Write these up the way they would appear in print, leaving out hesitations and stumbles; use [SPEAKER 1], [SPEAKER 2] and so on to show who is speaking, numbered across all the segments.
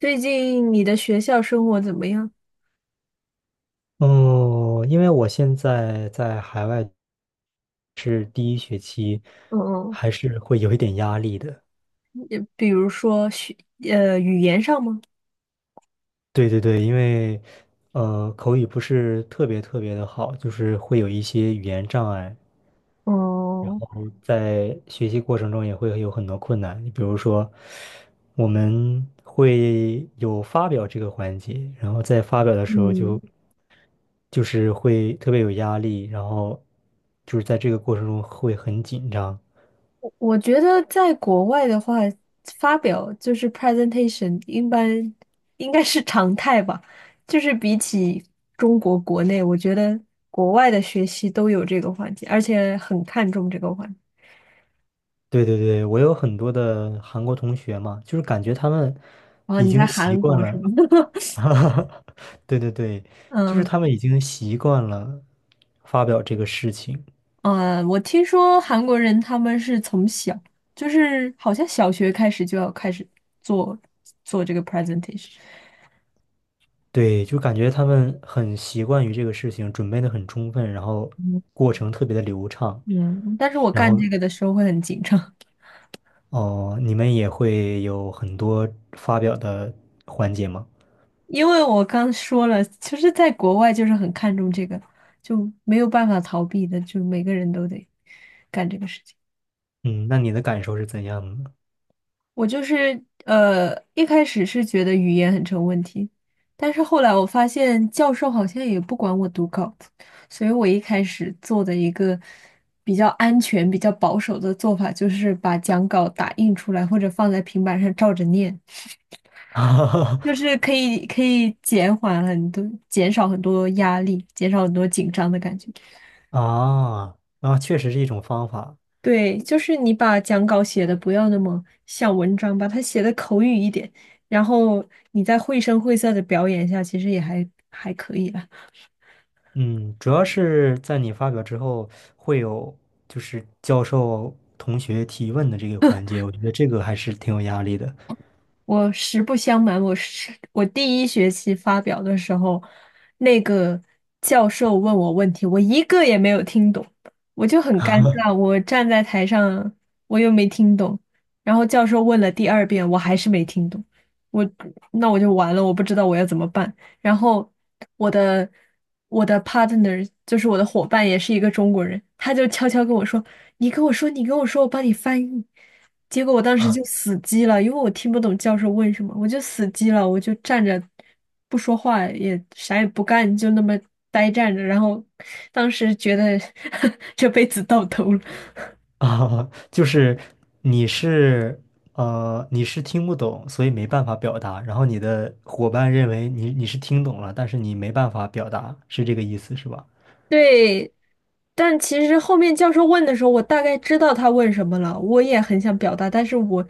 [SPEAKER 1] 最近你的学校生活怎么样？
[SPEAKER 2] 嗯，因为我现在在海外是第一学期，
[SPEAKER 1] 嗯嗯
[SPEAKER 2] 还是会有一点压力的。
[SPEAKER 1] 也比如说学，语言上吗？
[SPEAKER 2] 对对对，因为口语不是特别的好，就是会有一些语言障碍，然
[SPEAKER 1] 哦，
[SPEAKER 2] 后在学习过程中也会有很多困难。你比如说，我们会有发表这个环节，然后在发表的时候
[SPEAKER 1] 嗯，
[SPEAKER 2] 就是会特别有压力，然后就是在这个过程中会很紧张。
[SPEAKER 1] 我觉得在国外的话，发表就是 presentation，一般应该是常态吧。就是比起中国国内，我觉得国外的学习都有这个环节，而且很看重这个环节。
[SPEAKER 2] 对对对，我有很多的韩国同学嘛，就是感觉他们
[SPEAKER 1] 哦，
[SPEAKER 2] 已
[SPEAKER 1] 你在
[SPEAKER 2] 经习
[SPEAKER 1] 韩
[SPEAKER 2] 惯
[SPEAKER 1] 国
[SPEAKER 2] 了。
[SPEAKER 1] 是吗？
[SPEAKER 2] 哈哈，对对对，就是
[SPEAKER 1] 嗯。
[SPEAKER 2] 他们已经习惯了发表这个事情。
[SPEAKER 1] 嗯我听说韩国人他们是从小，就是好像小学开始就要开始做做这个 presentation。
[SPEAKER 2] 对，就感觉他们很习惯于这个事情，准备的很充分，然后
[SPEAKER 1] 嗯，
[SPEAKER 2] 过程特别的流畅。
[SPEAKER 1] 嗯但是我
[SPEAKER 2] 然
[SPEAKER 1] 干
[SPEAKER 2] 后
[SPEAKER 1] 这个的时候会很紧张，
[SPEAKER 2] 哦，你们也会有很多发表的环节吗？
[SPEAKER 1] 因为我刚说了，其实，在国外就是很看重这个，就没有办法逃避的，就每个人都得干这个事情。
[SPEAKER 2] 嗯，那你的感受是怎样的？
[SPEAKER 1] 我就是一开始是觉得语言很成问题，但是后来我发现教授好像也不管我读稿子，所以我一开始做的一个比较安全、比较保守的做法，就是把讲稿打印出来或者放在平板上照着念，就 是可以减缓很多、减少很多压力，减少很多紧张的感觉。
[SPEAKER 2] 啊啊，确实是一种方法。
[SPEAKER 1] 对，就是你把讲稿写的不要那么像文章，把它写的口语一点，然后你再绘声绘色的表演一下，其实也还可以啦。
[SPEAKER 2] 嗯，主要是在你发表之后，会有就是教授同学提问的这个环节，我觉得这个还是挺有压力的。
[SPEAKER 1] 我实不相瞒，我第一学期发表的时候，那个教授问我问题，我一个也没有听懂，我就很尴尬。我站在台上，我又没听懂，然后教授问了第二遍，我还是没听懂，我那我就完了，我不知道我要怎么办。然后我的我的 partner 就是我的伙伴，也是一个中国人，他就悄悄跟我说：你跟我说，你跟我说，我帮你翻译。结果我当时
[SPEAKER 2] 啊
[SPEAKER 1] 就死机了，因为我听不懂教授问什么，我就死机了，我就站着不说话，也啥也不干，就那么呆站着。然后当时觉得 这辈子到头了。
[SPEAKER 2] 啊，就是你是你是听不懂，所以没办法表达，然后你的伙伴认为你是听懂了，但是你没办法表达，是这个意思是吧？
[SPEAKER 1] 对，但其实后面教授问的时候，我大概知道他问什么了，我也很想表达，但是我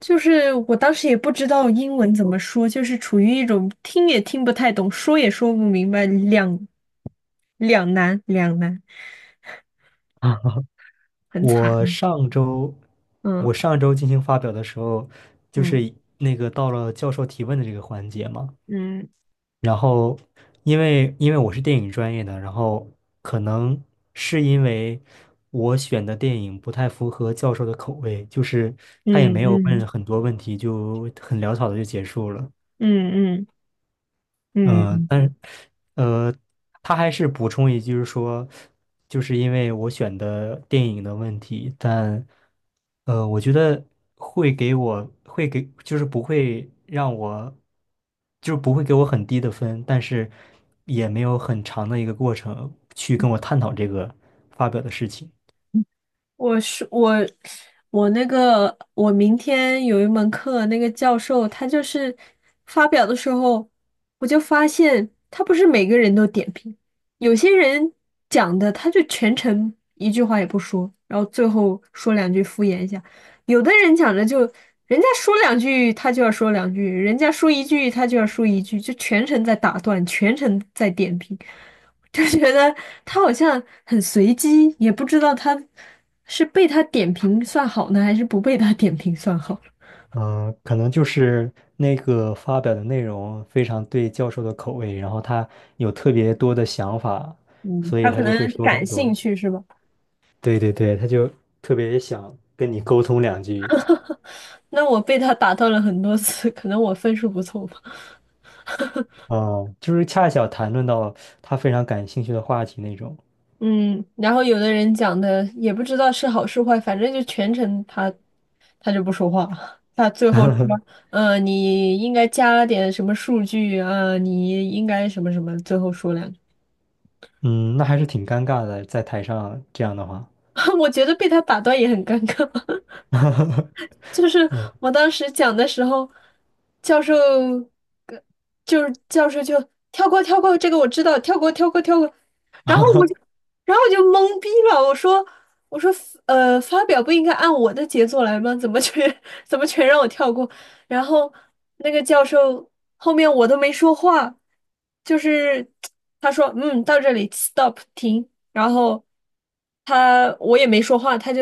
[SPEAKER 1] 就是我当时也不知道英文怎么说，就是处于一种听也听不太懂，说也说不明白，两难两难，
[SPEAKER 2] 啊，
[SPEAKER 1] 很
[SPEAKER 2] 我
[SPEAKER 1] 惨。
[SPEAKER 2] 上周我
[SPEAKER 1] 嗯
[SPEAKER 2] 上周进行发表的时候，就
[SPEAKER 1] 嗯
[SPEAKER 2] 是那个到了教授提问的这个环节嘛。
[SPEAKER 1] 嗯
[SPEAKER 2] 然后，因为我是电影专业的，然后可能是因为我选的电影不太符合教授的口味，就是他也
[SPEAKER 1] 嗯
[SPEAKER 2] 没有
[SPEAKER 1] 嗯
[SPEAKER 2] 问很多问题，就很潦草的就结束了。
[SPEAKER 1] 嗯嗯嗯
[SPEAKER 2] 嗯，
[SPEAKER 1] 嗯。
[SPEAKER 2] 但是，呃，他还是补充一句说，就是因为我选的电影的问题，但，我觉得会给，就是不会让我，就是不会给我很低的分，但是也没有很长的一个过程去跟我探讨这个发表的事情。
[SPEAKER 1] 我是我，我那个我明天有一门课，那个教授他就是发表的时候，我就发现他不是每个人都点评，有些人讲的他就全程一句话也不说，然后最后说两句敷衍一下；有的人讲的就人家说两句他就要说两句，人家说一句他就要说一句，就全程在打断，全程在点评。就觉得他好像很随机，也不知道他是被他点评算好呢，还是不被他点评算好。
[SPEAKER 2] 嗯，可能就是那个发表的内容非常对教授的口味，然后他有特别多的想法，
[SPEAKER 1] 嗯，
[SPEAKER 2] 所以
[SPEAKER 1] 他可
[SPEAKER 2] 他就会
[SPEAKER 1] 能
[SPEAKER 2] 说
[SPEAKER 1] 感
[SPEAKER 2] 很多。
[SPEAKER 1] 兴趣是吧？
[SPEAKER 2] 对对对，他就特别想跟你沟通两句。
[SPEAKER 1] 那我被他打断了很多次，可能我分数不错吧。
[SPEAKER 2] 嗯，就是恰巧谈论到他非常感兴趣的话题那种。
[SPEAKER 1] 嗯，然后有的人讲的也不知道是好是坏，反正就全程他就不说话，他最后说，你应该加点什么数据啊，你应该什么什么，最后说两句。
[SPEAKER 2] 嗯，那还是挺尴尬的，在台上这样的话。
[SPEAKER 1] 我觉得被他打断也很尴尬。就是我当时讲的时候，教授，呃就是教授就跳过跳过，这个我知道，跳过跳过跳过，然后我就，然后我就懵逼了，我说发表不应该按我的节奏来吗？怎么全 怎么全让我跳过？然后那个教授后面我都没说话，就是 他说嗯，到这里 stop 停。然后我也没说话，他就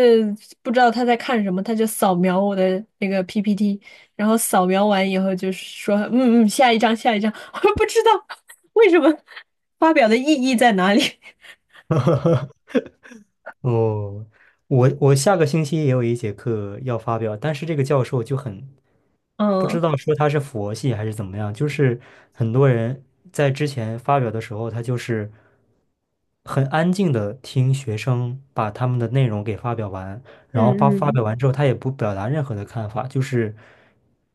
[SPEAKER 1] 不知道他在看什么，他就扫描我的那个 PPT，然后扫描完以后就说嗯嗯，下一张下一张，我不知道为什么发表的意义在哪里，
[SPEAKER 2] 哦，我我下个星期也有一节课要发表，但是这个教授就很不
[SPEAKER 1] 嗯。
[SPEAKER 2] 知道说他是佛系还是怎么样，就是很多人在之前发表的时候，他就是很安静的听学生把他们的内容给发表完，
[SPEAKER 1] 嗯
[SPEAKER 2] 然后发发
[SPEAKER 1] 嗯
[SPEAKER 2] 表完之后，他也不表达任何的看法，就是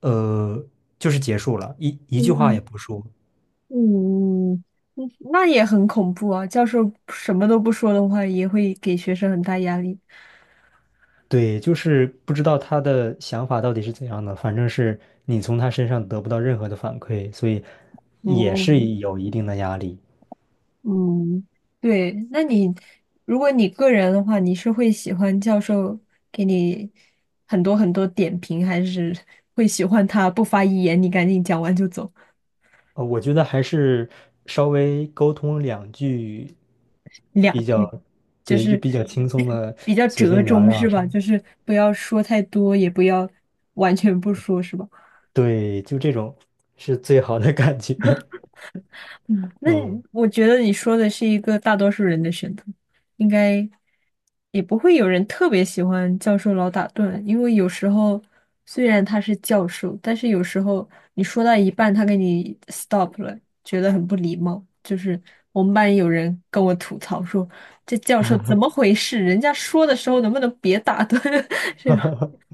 [SPEAKER 2] 呃，就是结束了，一句话
[SPEAKER 1] 嗯，
[SPEAKER 2] 也不说。
[SPEAKER 1] 嗯那也很恐怖啊！教授什么都不说的话，也会给学生很大压力。
[SPEAKER 2] 对，就是不知道他的想法到底是怎样的，反正是你从他身上得不到任何的反馈，所以也是
[SPEAKER 1] 嗯，
[SPEAKER 2] 有一定的压力。
[SPEAKER 1] 嗯，对，那你如果你个人的话，你是会喜欢教授给你很多很多点评，还是会喜欢他不发一言，你赶紧讲完就走，
[SPEAKER 2] 我觉得还是稍微沟通两句
[SPEAKER 1] 两
[SPEAKER 2] 比
[SPEAKER 1] 句，
[SPEAKER 2] 较，
[SPEAKER 1] 就
[SPEAKER 2] 对，就
[SPEAKER 1] 是
[SPEAKER 2] 比较轻松 的，
[SPEAKER 1] 比较
[SPEAKER 2] 随
[SPEAKER 1] 折
[SPEAKER 2] 便聊
[SPEAKER 1] 中
[SPEAKER 2] 聊啊
[SPEAKER 1] 是
[SPEAKER 2] 什
[SPEAKER 1] 吧？
[SPEAKER 2] 么，
[SPEAKER 1] 就是不要说太多，也不要完全不说是吧？
[SPEAKER 2] 对，就这种是最好的感觉。
[SPEAKER 1] 嗯，那
[SPEAKER 2] 嗯，
[SPEAKER 1] 我觉得你说的是一个大多数人的选择，应该也不会有人特别喜欢教授老打断，因为有时候虽然他是教授，但是有时候你说到一半，他给你 stop 了，觉得很不礼貌。就是我们班有人跟我吐槽说，这教授怎么回事？人家说的时候能不能别打盹？这吧？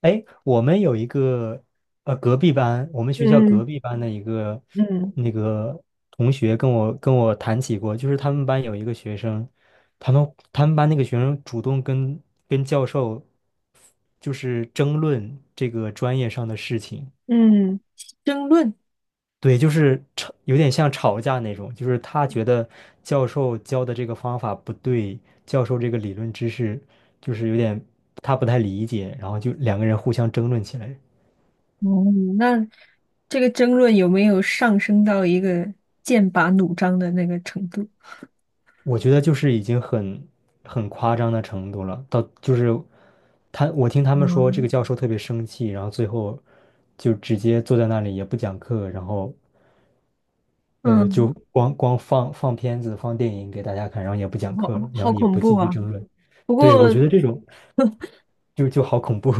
[SPEAKER 2] 哎，我们有一个隔壁班，我们学校隔
[SPEAKER 1] 嗯
[SPEAKER 2] 壁班的一个
[SPEAKER 1] 嗯
[SPEAKER 2] 那个同学跟我谈起过，就是他们班有一个学生，他们班那个学生主动跟教授就是争论这个专业上的事情。
[SPEAKER 1] 嗯。争论。
[SPEAKER 2] 对，就是吵，有点像吵架那种，就是他觉得教授教的这个方法不对，教授这个理论知识就是有点他不太理解，然后就两个人互相争论起来。
[SPEAKER 1] 哦，那这个争论有没有上升到一个剑拔弩张的那个程度？
[SPEAKER 2] 我觉得就是已经很夸张的程度了，到就是他，我听他们说这
[SPEAKER 1] 嗯
[SPEAKER 2] 个教授特别生气，然后最后就直接坐在那里也不讲课，然后就
[SPEAKER 1] 嗯，
[SPEAKER 2] 光光放片子放电影给大家看，然后也不讲
[SPEAKER 1] 好
[SPEAKER 2] 课了，然
[SPEAKER 1] 好
[SPEAKER 2] 后也
[SPEAKER 1] 恐
[SPEAKER 2] 不
[SPEAKER 1] 怖
[SPEAKER 2] 继续
[SPEAKER 1] 啊！
[SPEAKER 2] 争论。
[SPEAKER 1] 不
[SPEAKER 2] 对，
[SPEAKER 1] 过
[SPEAKER 2] 我觉得这种就好恐怖。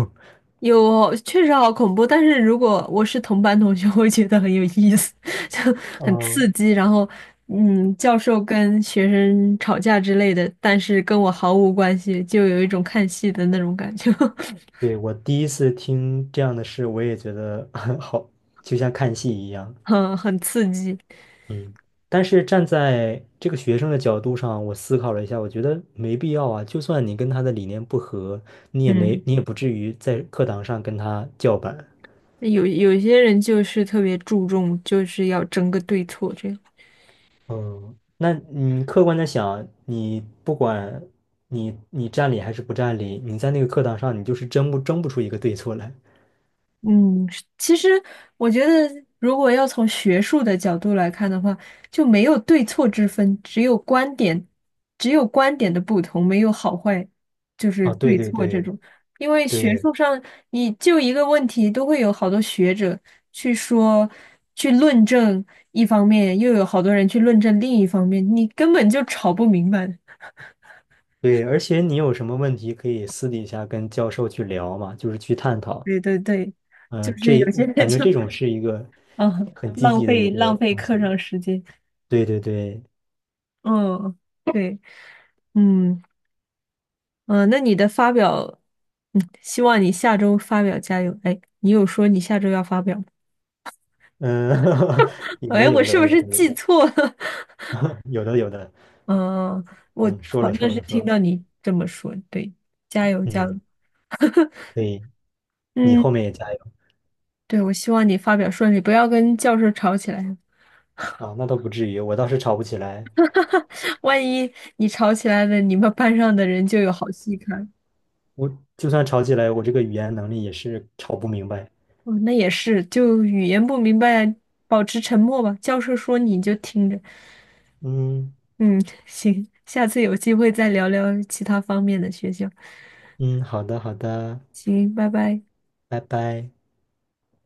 [SPEAKER 1] 确实好恐怖，但是如果我是同班同学，我会觉得很有意思，就很
[SPEAKER 2] 嗯，
[SPEAKER 1] 刺激。然后，嗯，教授跟学生吵架之类的，但是跟我毫无关系，就有一种看戏的那种感觉，
[SPEAKER 2] 对，我第一次听这样的事，我也觉得 好，就像看戏一样。
[SPEAKER 1] 很刺激。
[SPEAKER 2] 嗯，但是站在这个学生的角度上，我思考了一下，我觉得没必要啊。就算你跟他的理念不合，你也没，
[SPEAKER 1] 嗯。
[SPEAKER 2] 你也不至于在课堂上跟他叫板。
[SPEAKER 1] 有些人就是特别注重，就是要争个对错这样。
[SPEAKER 2] 嗯，那你客观的想，你不管你占理还是不占理，你在那个课堂上，你就是争不出一个对错来。
[SPEAKER 1] 嗯，是其实我觉得，如果要从学术的角度来看的话，就没有对错之分，只有观点的不同，没有好坏，就是
[SPEAKER 2] 啊，对
[SPEAKER 1] 对
[SPEAKER 2] 对
[SPEAKER 1] 错这
[SPEAKER 2] 对
[SPEAKER 1] 种。因为学
[SPEAKER 2] 对
[SPEAKER 1] 术上，你就一个问题，都会有好多学者去说、去论证一方面，又有好多人去论证另一方面，你根本就吵不明白。
[SPEAKER 2] 对，而且你有什么问题可以私底下跟教授去聊嘛，就是去探讨。
[SPEAKER 1] 对对对，就
[SPEAKER 2] 呃，
[SPEAKER 1] 是
[SPEAKER 2] 这
[SPEAKER 1] 有些人
[SPEAKER 2] 感觉
[SPEAKER 1] 就
[SPEAKER 2] 这种是一个
[SPEAKER 1] 嗯
[SPEAKER 2] 很积
[SPEAKER 1] 浪
[SPEAKER 2] 极的一
[SPEAKER 1] 费
[SPEAKER 2] 个
[SPEAKER 1] 浪费
[SPEAKER 2] 东
[SPEAKER 1] 课
[SPEAKER 2] 西。
[SPEAKER 1] 上时间，
[SPEAKER 2] 对对对，
[SPEAKER 1] 嗯，对，嗯嗯，那你的发表，嗯，希望你下周发表加油。哎，你有说你下周要发表吗？
[SPEAKER 2] 嗯，有
[SPEAKER 1] 哎，
[SPEAKER 2] 的
[SPEAKER 1] 我
[SPEAKER 2] 有
[SPEAKER 1] 是
[SPEAKER 2] 的
[SPEAKER 1] 不
[SPEAKER 2] 有
[SPEAKER 1] 是
[SPEAKER 2] 的有
[SPEAKER 1] 记
[SPEAKER 2] 的
[SPEAKER 1] 错了？
[SPEAKER 2] 有的有的，
[SPEAKER 1] 嗯，我
[SPEAKER 2] 嗯，说
[SPEAKER 1] 好
[SPEAKER 2] 了
[SPEAKER 1] 像
[SPEAKER 2] 说
[SPEAKER 1] 是
[SPEAKER 2] 了说
[SPEAKER 1] 听
[SPEAKER 2] 了，
[SPEAKER 1] 到你这么说，对，加油加油。
[SPEAKER 2] 嗯，对，你
[SPEAKER 1] 嗯，
[SPEAKER 2] 后面也加油
[SPEAKER 1] 对，我希望你发表顺利，不要跟教授吵起来，
[SPEAKER 2] 啊，那倒不至于，我倒是吵不起来，
[SPEAKER 1] 万一你吵起来了，你们班上的人就有好戏看。
[SPEAKER 2] 我就算吵起来，我这个语言能力也是吵不明白。
[SPEAKER 1] 哦，那也是，就语言不明白，保持沉默吧。教授说你就听着。
[SPEAKER 2] 嗯
[SPEAKER 1] 嗯，行，下次有机会再聊聊其他方面的学校。
[SPEAKER 2] 嗯，好的好的，
[SPEAKER 1] 行，拜拜。
[SPEAKER 2] 拜拜。